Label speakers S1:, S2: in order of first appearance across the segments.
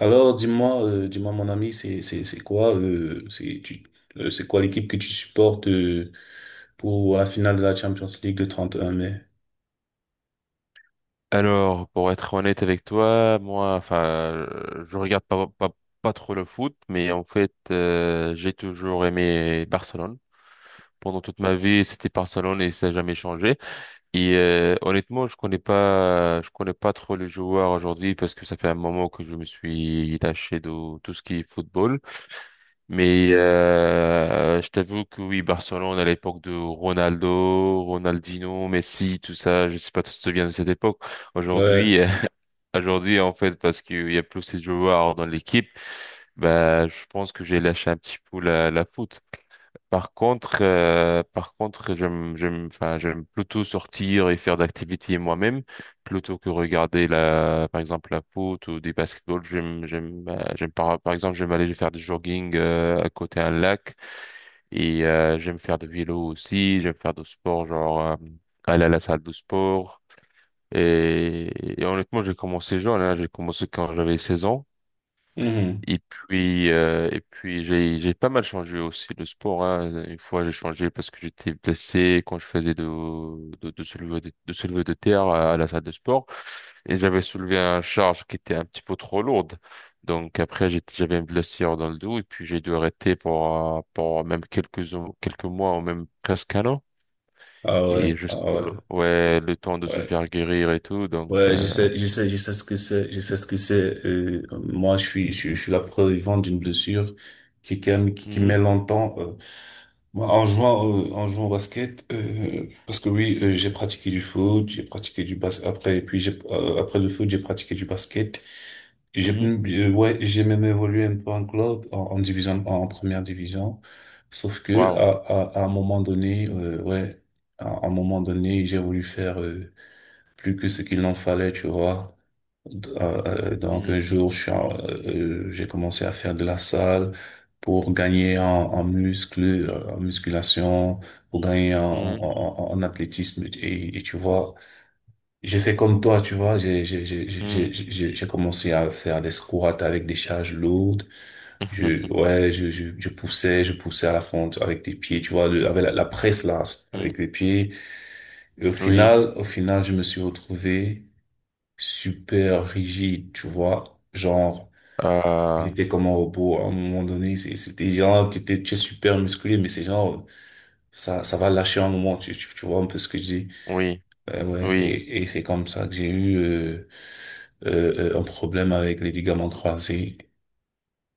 S1: Alors, dis-moi, dis-moi, mon ami, c'est quoi, c'est quoi l'équipe que tu supportes, pour la finale de la Champions League le 31 mai?
S2: Alors, pour être honnête avec toi, moi, je regarde pas trop le foot, mais en fait, j'ai toujours aimé Barcelone. Pendant toute ma vie, c'était Barcelone et ça n'a jamais changé. Et honnêtement, je connais pas trop les joueurs aujourd'hui parce que ça fait un moment que je me suis lâché de tout ce qui est football. Mais je t'avoue que oui, Barcelone à l'époque de Ronaldo, Ronaldinho, Messi, tout ça, je sais pas si tu te souviens de cette époque.
S1: Ouais.
S2: Aujourd'hui, Aujourd'hui, en fait, parce qu'il y a plus de joueurs dans l'équipe, bah, je pense que j'ai lâché un petit peu la foot. Par contre, j'aime plutôt sortir et faire d'activités moi-même, plutôt que regarder la, par exemple, la foot ou des basketball. Par exemple, j'aime aller faire du jogging, à côté d'un lac et, j'aime faire de vélo aussi, j'aime faire du sport, genre, aller à la salle de sport. Et, et honnêtement, j'ai commencé jeune, hein. J'ai commencé quand j'avais 16 ans.
S1: Mhm.
S2: Et puis j'ai pas mal changé aussi le sport, hein. Une fois, j'ai changé parce que j'étais blessé quand je faisais de soulevé de soulevé de terre à la salle de sport. Et j'avais soulevé un charge qui était un petit peu trop lourde. Donc après, j'avais une blessure dans le dos et puis j'ai dû arrêter pour même quelques mois ou même presque 1 an.
S1: Ah
S2: Et
S1: ouais, ah
S2: jusque,
S1: ouais,
S2: ouais, le temps de se
S1: ouais.
S2: faire guérir et tout.
S1: Ouais, je sais, je sais, je sais ce que c'est, je sais ce que c'est. Moi, je suis la preuve vivante d'une blessure qui met longtemps. Moi, en jouant, en jouant au basket, parce que oui, j'ai pratiqué du foot, j'ai pratiqué du basket, après, et puis après le foot, j'ai pratiqué du basket. J'ai,
S2: Mhm.
S1: ouais, j'ai même évolué un peu en club, en, en division, en, première division. Sauf que,
S2: Wow.
S1: à un moment donné, à un moment donné, j'ai voulu faire, plus que ce qu'il en fallait, tu vois. Euh, donc un
S2: Mhm.
S1: jour, j'ai commencé à faire de la salle pour gagner en muscle, en musculation, pour gagner
S2: Mhm.
S1: en athlétisme. Et tu vois, j'ai fait comme toi, tu vois, j'ai j'ai j'ai j'ai j'ai
S2: Mhm.
S1: j'ai- j'ai commencé à faire des squats avec des charges lourdes. Je poussais, je poussais à la fonte avec des pieds, tu vois, avec la presse là, avec
S2: Mhm.
S1: les pieds. Et
S2: Oui.
S1: au final, je me suis retrouvé super rigide, tu vois. Genre,
S2: Euh,
S1: j'étais comme un robot à un moment donné. C'était genre, tu es super musclé, mais c'est genre, ça va lâcher un moment, tu vois un peu ce que je dis.
S2: oui.
S1: Ouais, ouais.
S2: Oui.
S1: Et c'est comme ça que j'ai eu un problème avec les ligaments croisés.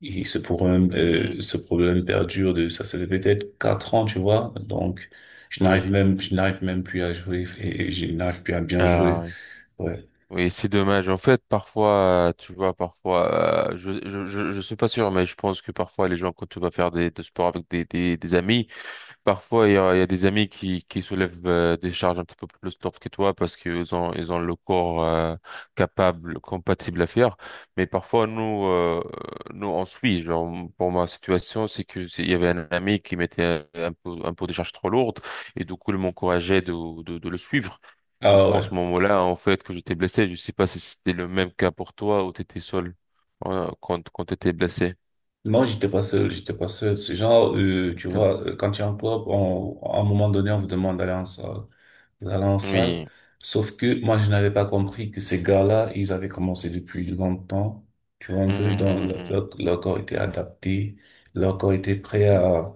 S1: Et
S2: Mhm.
S1: ce problème perdure ça, ça fait peut-être 4 ans, tu vois. Donc,
S2: Oui.
S1: je n'arrive même plus à jouer et je n'arrive plus à bien jouer.
S2: Ah, oui.
S1: Ouais.
S2: Oui, c'est dommage. En fait, parfois, tu vois, parfois, je suis pas sûr, mais je pense que parfois, les gens, quand tu vas faire de sport avec des amis, parfois, il y a des amis qui soulèvent des charges un petit peu plus lourdes que toi parce qu'ils ont le corps capable, compatible à faire. Mais parfois, nous, on suit. Genre, pour ma situation, il y avait un ami qui mettait un peu des charges trop lourdes et du coup, il m'encourageait de le suivre. Du
S1: Ah
S2: coup, en
S1: ouais.
S2: ce moment-là, en fait, que j'étais blessé, je sais pas si c'était le même cas pour toi ou t'étais seul quand t'étais blessé.
S1: Non, j'étais pas seul, j'étais pas seul. C'est genre, tu vois, quand tu es en club, on, à un moment donné, on vous demande d'aller en salle. Vous allez en salle.
S2: Oui.
S1: Sauf que moi, je n'avais pas compris que ces gars-là, ils avaient commencé depuis longtemps. Tu vois, un
S2: Mhm,
S1: peu dans
S2: mhm.
S1: leur corps était adapté, leur corps était prêt à,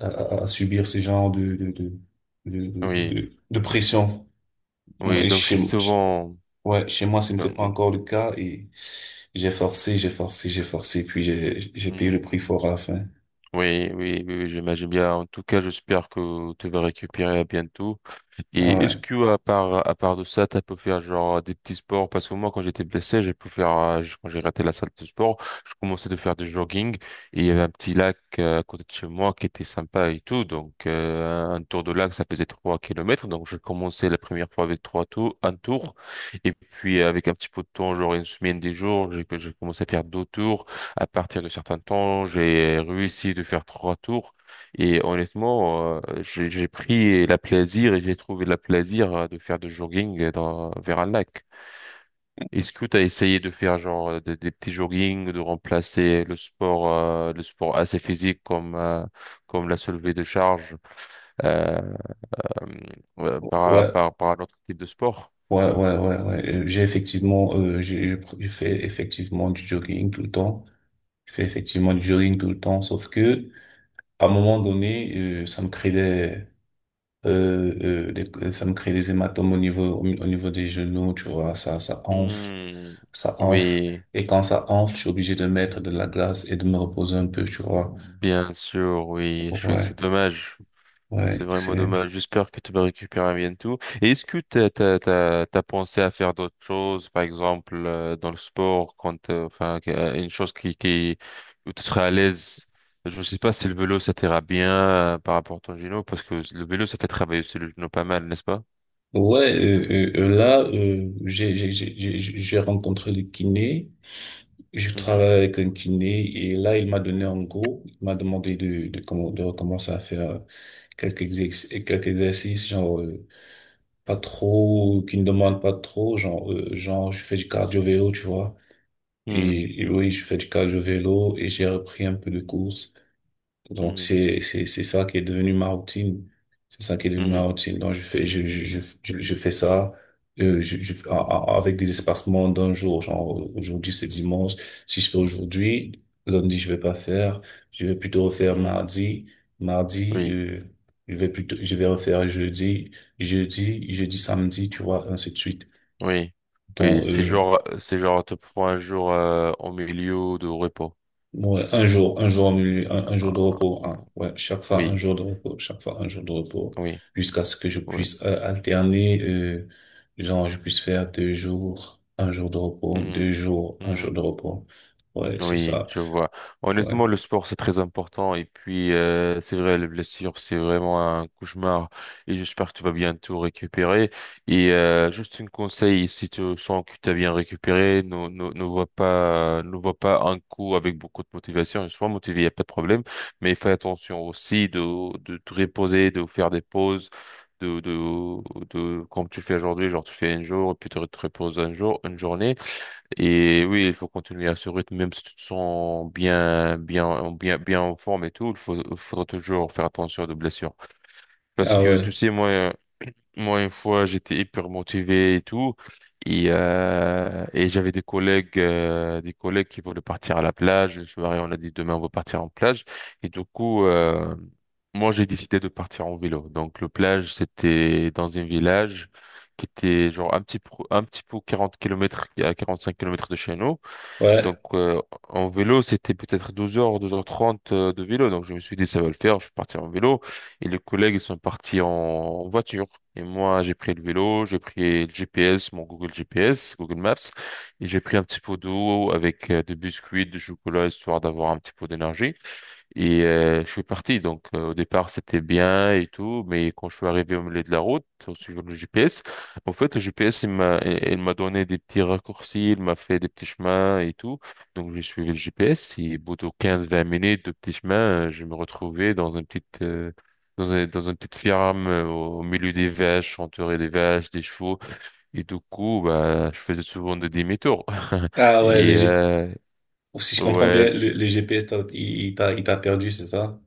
S1: à, à- subir ce genre
S2: Oui.
S1: de pression.
S2: Oui,
S1: Et
S2: donc
S1: chez,
S2: c'est souvent…
S1: ouais, Chez moi, ce n'était
S2: Non,
S1: pas
S2: mm,
S1: encore le cas et j'ai forcé, j'ai forcé, j'ai forcé, puis j'ai payé le
S2: mm.
S1: prix fort à la fin.
S2: Oui, oui, oui, oui, j'imagine bien. En tout cas, j'espère que tu vas récupérer à bientôt.
S1: Ah
S2: Et est-ce
S1: ouais.
S2: que à part de ça, t'as pu faire genre des petits sports? Parce que moi, quand j'étais blessé, j'ai pu faire quand j'ai raté la salle de sport, je commençais de faire du jogging et il y avait un petit lac à côté de chez moi qui était sympa et tout. Donc un tour de lac, ça faisait 3 kilomètres. Donc je commençais la première fois avec 1 tour, et puis avec un petit peu de temps, genre une semaine, des jours, j'ai commencé à faire 2 tours. À partir de certains temps, j'ai réussi de faire 3 tours. Et honnêtement, j'ai pris la plaisir et j'ai trouvé la plaisir de faire du jogging dans, vers un lac. Est-ce que tu as essayé de faire genre des petits joggings, de remplacer le sport assez physique comme comme la soulevée de charge euh, euh, par
S1: Ouais,
S2: un autre type de sport?
S1: ouais, ouais, ouais, ouais. J'ai effectivement, j'ai fait effectivement du jogging tout le temps. Je fais effectivement du
S2: Mhm.
S1: jogging tout le temps, sauf que, à un moment donné, ça me crée des, ça me crée des hématomes au niveau, au niveau des genoux, tu vois, ça enfle,
S2: Hmm,
S1: ça enfle.
S2: oui,
S1: Et quand ça enfle, je suis obligé de mettre de la glace et de me reposer un peu, tu vois.
S2: bien sûr, oui.
S1: Ouais,
S2: C'est dommage. C'est
S1: ouais,
S2: vraiment dommage. J'espère que tu vas récupérer bientôt. Et est-ce que t'as pensé à faire d'autres choses, par exemple, dans le sport, une chose qui, où tu serais à l'aise? Je sais pas si le vélo, ça t'ira bien, par rapport à ton genou, parce que le vélo, ça fait travailler aussi le genou pas mal, n'est-ce pas?
S1: ouais, là, j'ai rencontré le kiné. Je
S2: Mhm.
S1: travaille avec un kiné et là, il m'a donné un go. Il m'a demandé de recommencer à faire quelques exercices, genre, pas trop, qui ne demandent pas trop, genre, je fais du cardio-vélo, tu vois.
S2: Mhm.
S1: Et oui, je fais du cardio-vélo et j'ai repris un peu de course. Donc
S2: Mhm.
S1: c'est ça qui est devenu ma routine. C'est ça qui est devenu ma
S2: Mhm.
S1: routine. Donc je fais ça avec des espacements d'un jour. Genre aujourd'hui c'est dimanche. Si je fais aujourd'hui, lundi je vais pas faire. Je vais plutôt refaire
S2: Mhm.
S1: mardi. Mardi
S2: Oui,
S1: je vais plutôt je vais refaire jeudi. Jeudi jeudi samedi tu vois ainsi de suite.
S2: oui, oui.
S1: Donc euh,
S2: C'est genre, te prends un jour, au milieu de repos.
S1: Ouais, un jour, un jour
S2: Ah,
S1: de
S2: ah,
S1: repos, hein. Ouais, chaque fois un
S2: oui,
S1: jour de repos, chaque fois un jour de repos,
S2: oui,
S1: jusqu'à ce que je
S2: oui.
S1: puisse alterner, genre je puisse faire deux jours, un jour de repos,
S2: Mhm.
S1: deux jours, un jour
S2: Mhm.
S1: de repos. Ouais, c'est
S2: Oui,
S1: ça.
S2: je vois.
S1: Ouais.
S2: Honnêtement, le sport, c'est très important. Et puis, c'est vrai, les blessures, c'est vraiment un cauchemar. Et j'espère que tu vas bientôt récupérer. Et juste un conseil, si tu sens que tu as bien récupéré, ne vois pas un coup avec beaucoup de motivation. Sois motivé, il n'y a pas de problème. Mais fais attention aussi de te reposer, de faire des pauses. De, comme tu fais aujourd'hui, genre tu fais un jour, puis tu te reposes un jour, une journée. Et oui, il faut continuer à ce rythme, même si tu te sens bien en forme et tout, il faudra toujours faire attention aux blessures. Parce
S1: Ah
S2: que, tu
S1: ouais,
S2: sais, moi, une fois, j'étais hyper motivé et tout, et j'avais des collègues qui voulaient partir à la plage. Le soir, et on a dit demain, on va partir en plage. Et du coup, euh, Moi, j'ai décidé de partir en vélo. Donc, le plage, c'était dans un village qui était genre un petit peu 40 kilomètres à 5 kilomètres de chez nous.
S1: ouais.
S2: Donc, en vélo, c'était peut-être 12 heures, 12 heures 30 de vélo. Donc, je me suis dit, ça va le faire. Je suis parti en vélo. Et les collègues, ils sont partis en voiture. Et moi, j'ai pris le vélo, j'ai pris le GPS, mon Google GPS, Google Maps. Et j'ai pris un petit pot d'eau avec des biscuits, du chocolat, histoire d'avoir un petit peu d'énergie. Et je suis parti. Donc au départ, c'était bien et tout, mais quand je suis arrivé au milieu de la route, en suivant le GPS, en fait, le GPS, il m'a donné des petits raccourcis, il m'a fait des petits chemins et tout. Donc j'ai suivi le GPS et au bout de 15-20 minutes de petits chemins, je me retrouvais dans une petite dans un- dans une petite ferme au milieu des vaches, entouré des vaches, des chevaux. Et du coup, bah, je faisais souvent des demi-tours.
S1: Ah ouais, le
S2: Et
S1: G-
S2: euh,
S1: Si je comprends
S2: ouais,
S1: bien, le GPS, il t'a perdu, c'est ça?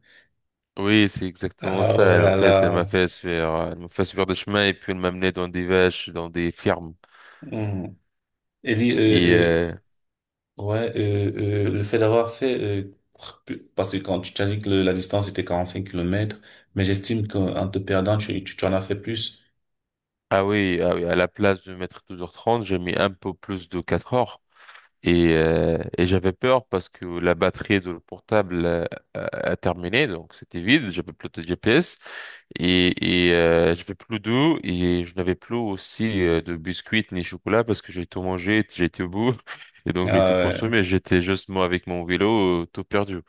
S2: Oui, c'est exactement
S1: Ah
S2: ça. En
S1: voilà
S2: fait,
S1: là.
S2: elle m'a fait faire des chemins et puis elle m'a mené dans des vaches, dans des fermes.
S1: Hmm. Et dit,
S2: Et
S1: euh, euh,
S2: euh,
S1: Ouais, le fait d'avoir fait, parce que quand tu t'as dit que la distance était 45 kilomètres, mais j'estime qu'en te perdant, tu en as fait plus.
S2: ah oui, ah oui, à la place de mettre 12 heures trente, j'ai mis un peu plus de 4 heures. Et j'avais peur parce que la batterie de le portable a, a terminé, donc c'était vide. J'avais plus de GPS et j'avais plus d'eau et je n'avais plus aussi de biscuits ni chocolat parce que j'ai tout mangé, j'ai été au bout et donc j'ai
S1: Ah,
S2: tout
S1: ouais.
S2: consommé. J'étais juste moi avec mon vélo tout perdu.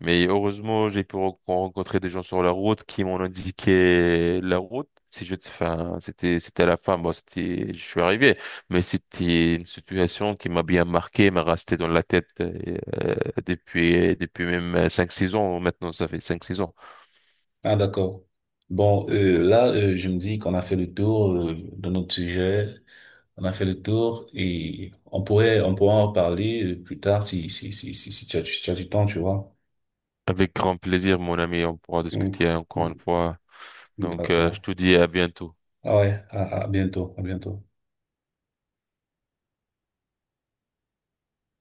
S2: Mais heureusement, j'ai pu rencontrer des gens sur la route qui m'ont indiqué la route. Si je, enfin, c'était, C'était à la fin, bon, je suis arrivé, mais c'était une situation qui m'a bien marqué, m'a resté dans la tête depuis même cinq 6 ans. Maintenant, ça fait cinq 6 ans.
S1: Ah, d'accord. Bon, là, je me dis qu'on a fait le tour, de notre sujet, on a fait le tour et on pourra en reparler plus tard si tu as, si tu as du temps, tu vois.
S2: Avec grand plaisir, mon ami, on pourra
S1: Mm.
S2: discuter encore une fois. Donc, je
S1: D'accord.
S2: te dis à bientôt.
S1: Ah ouais, à bientôt, à bientôt.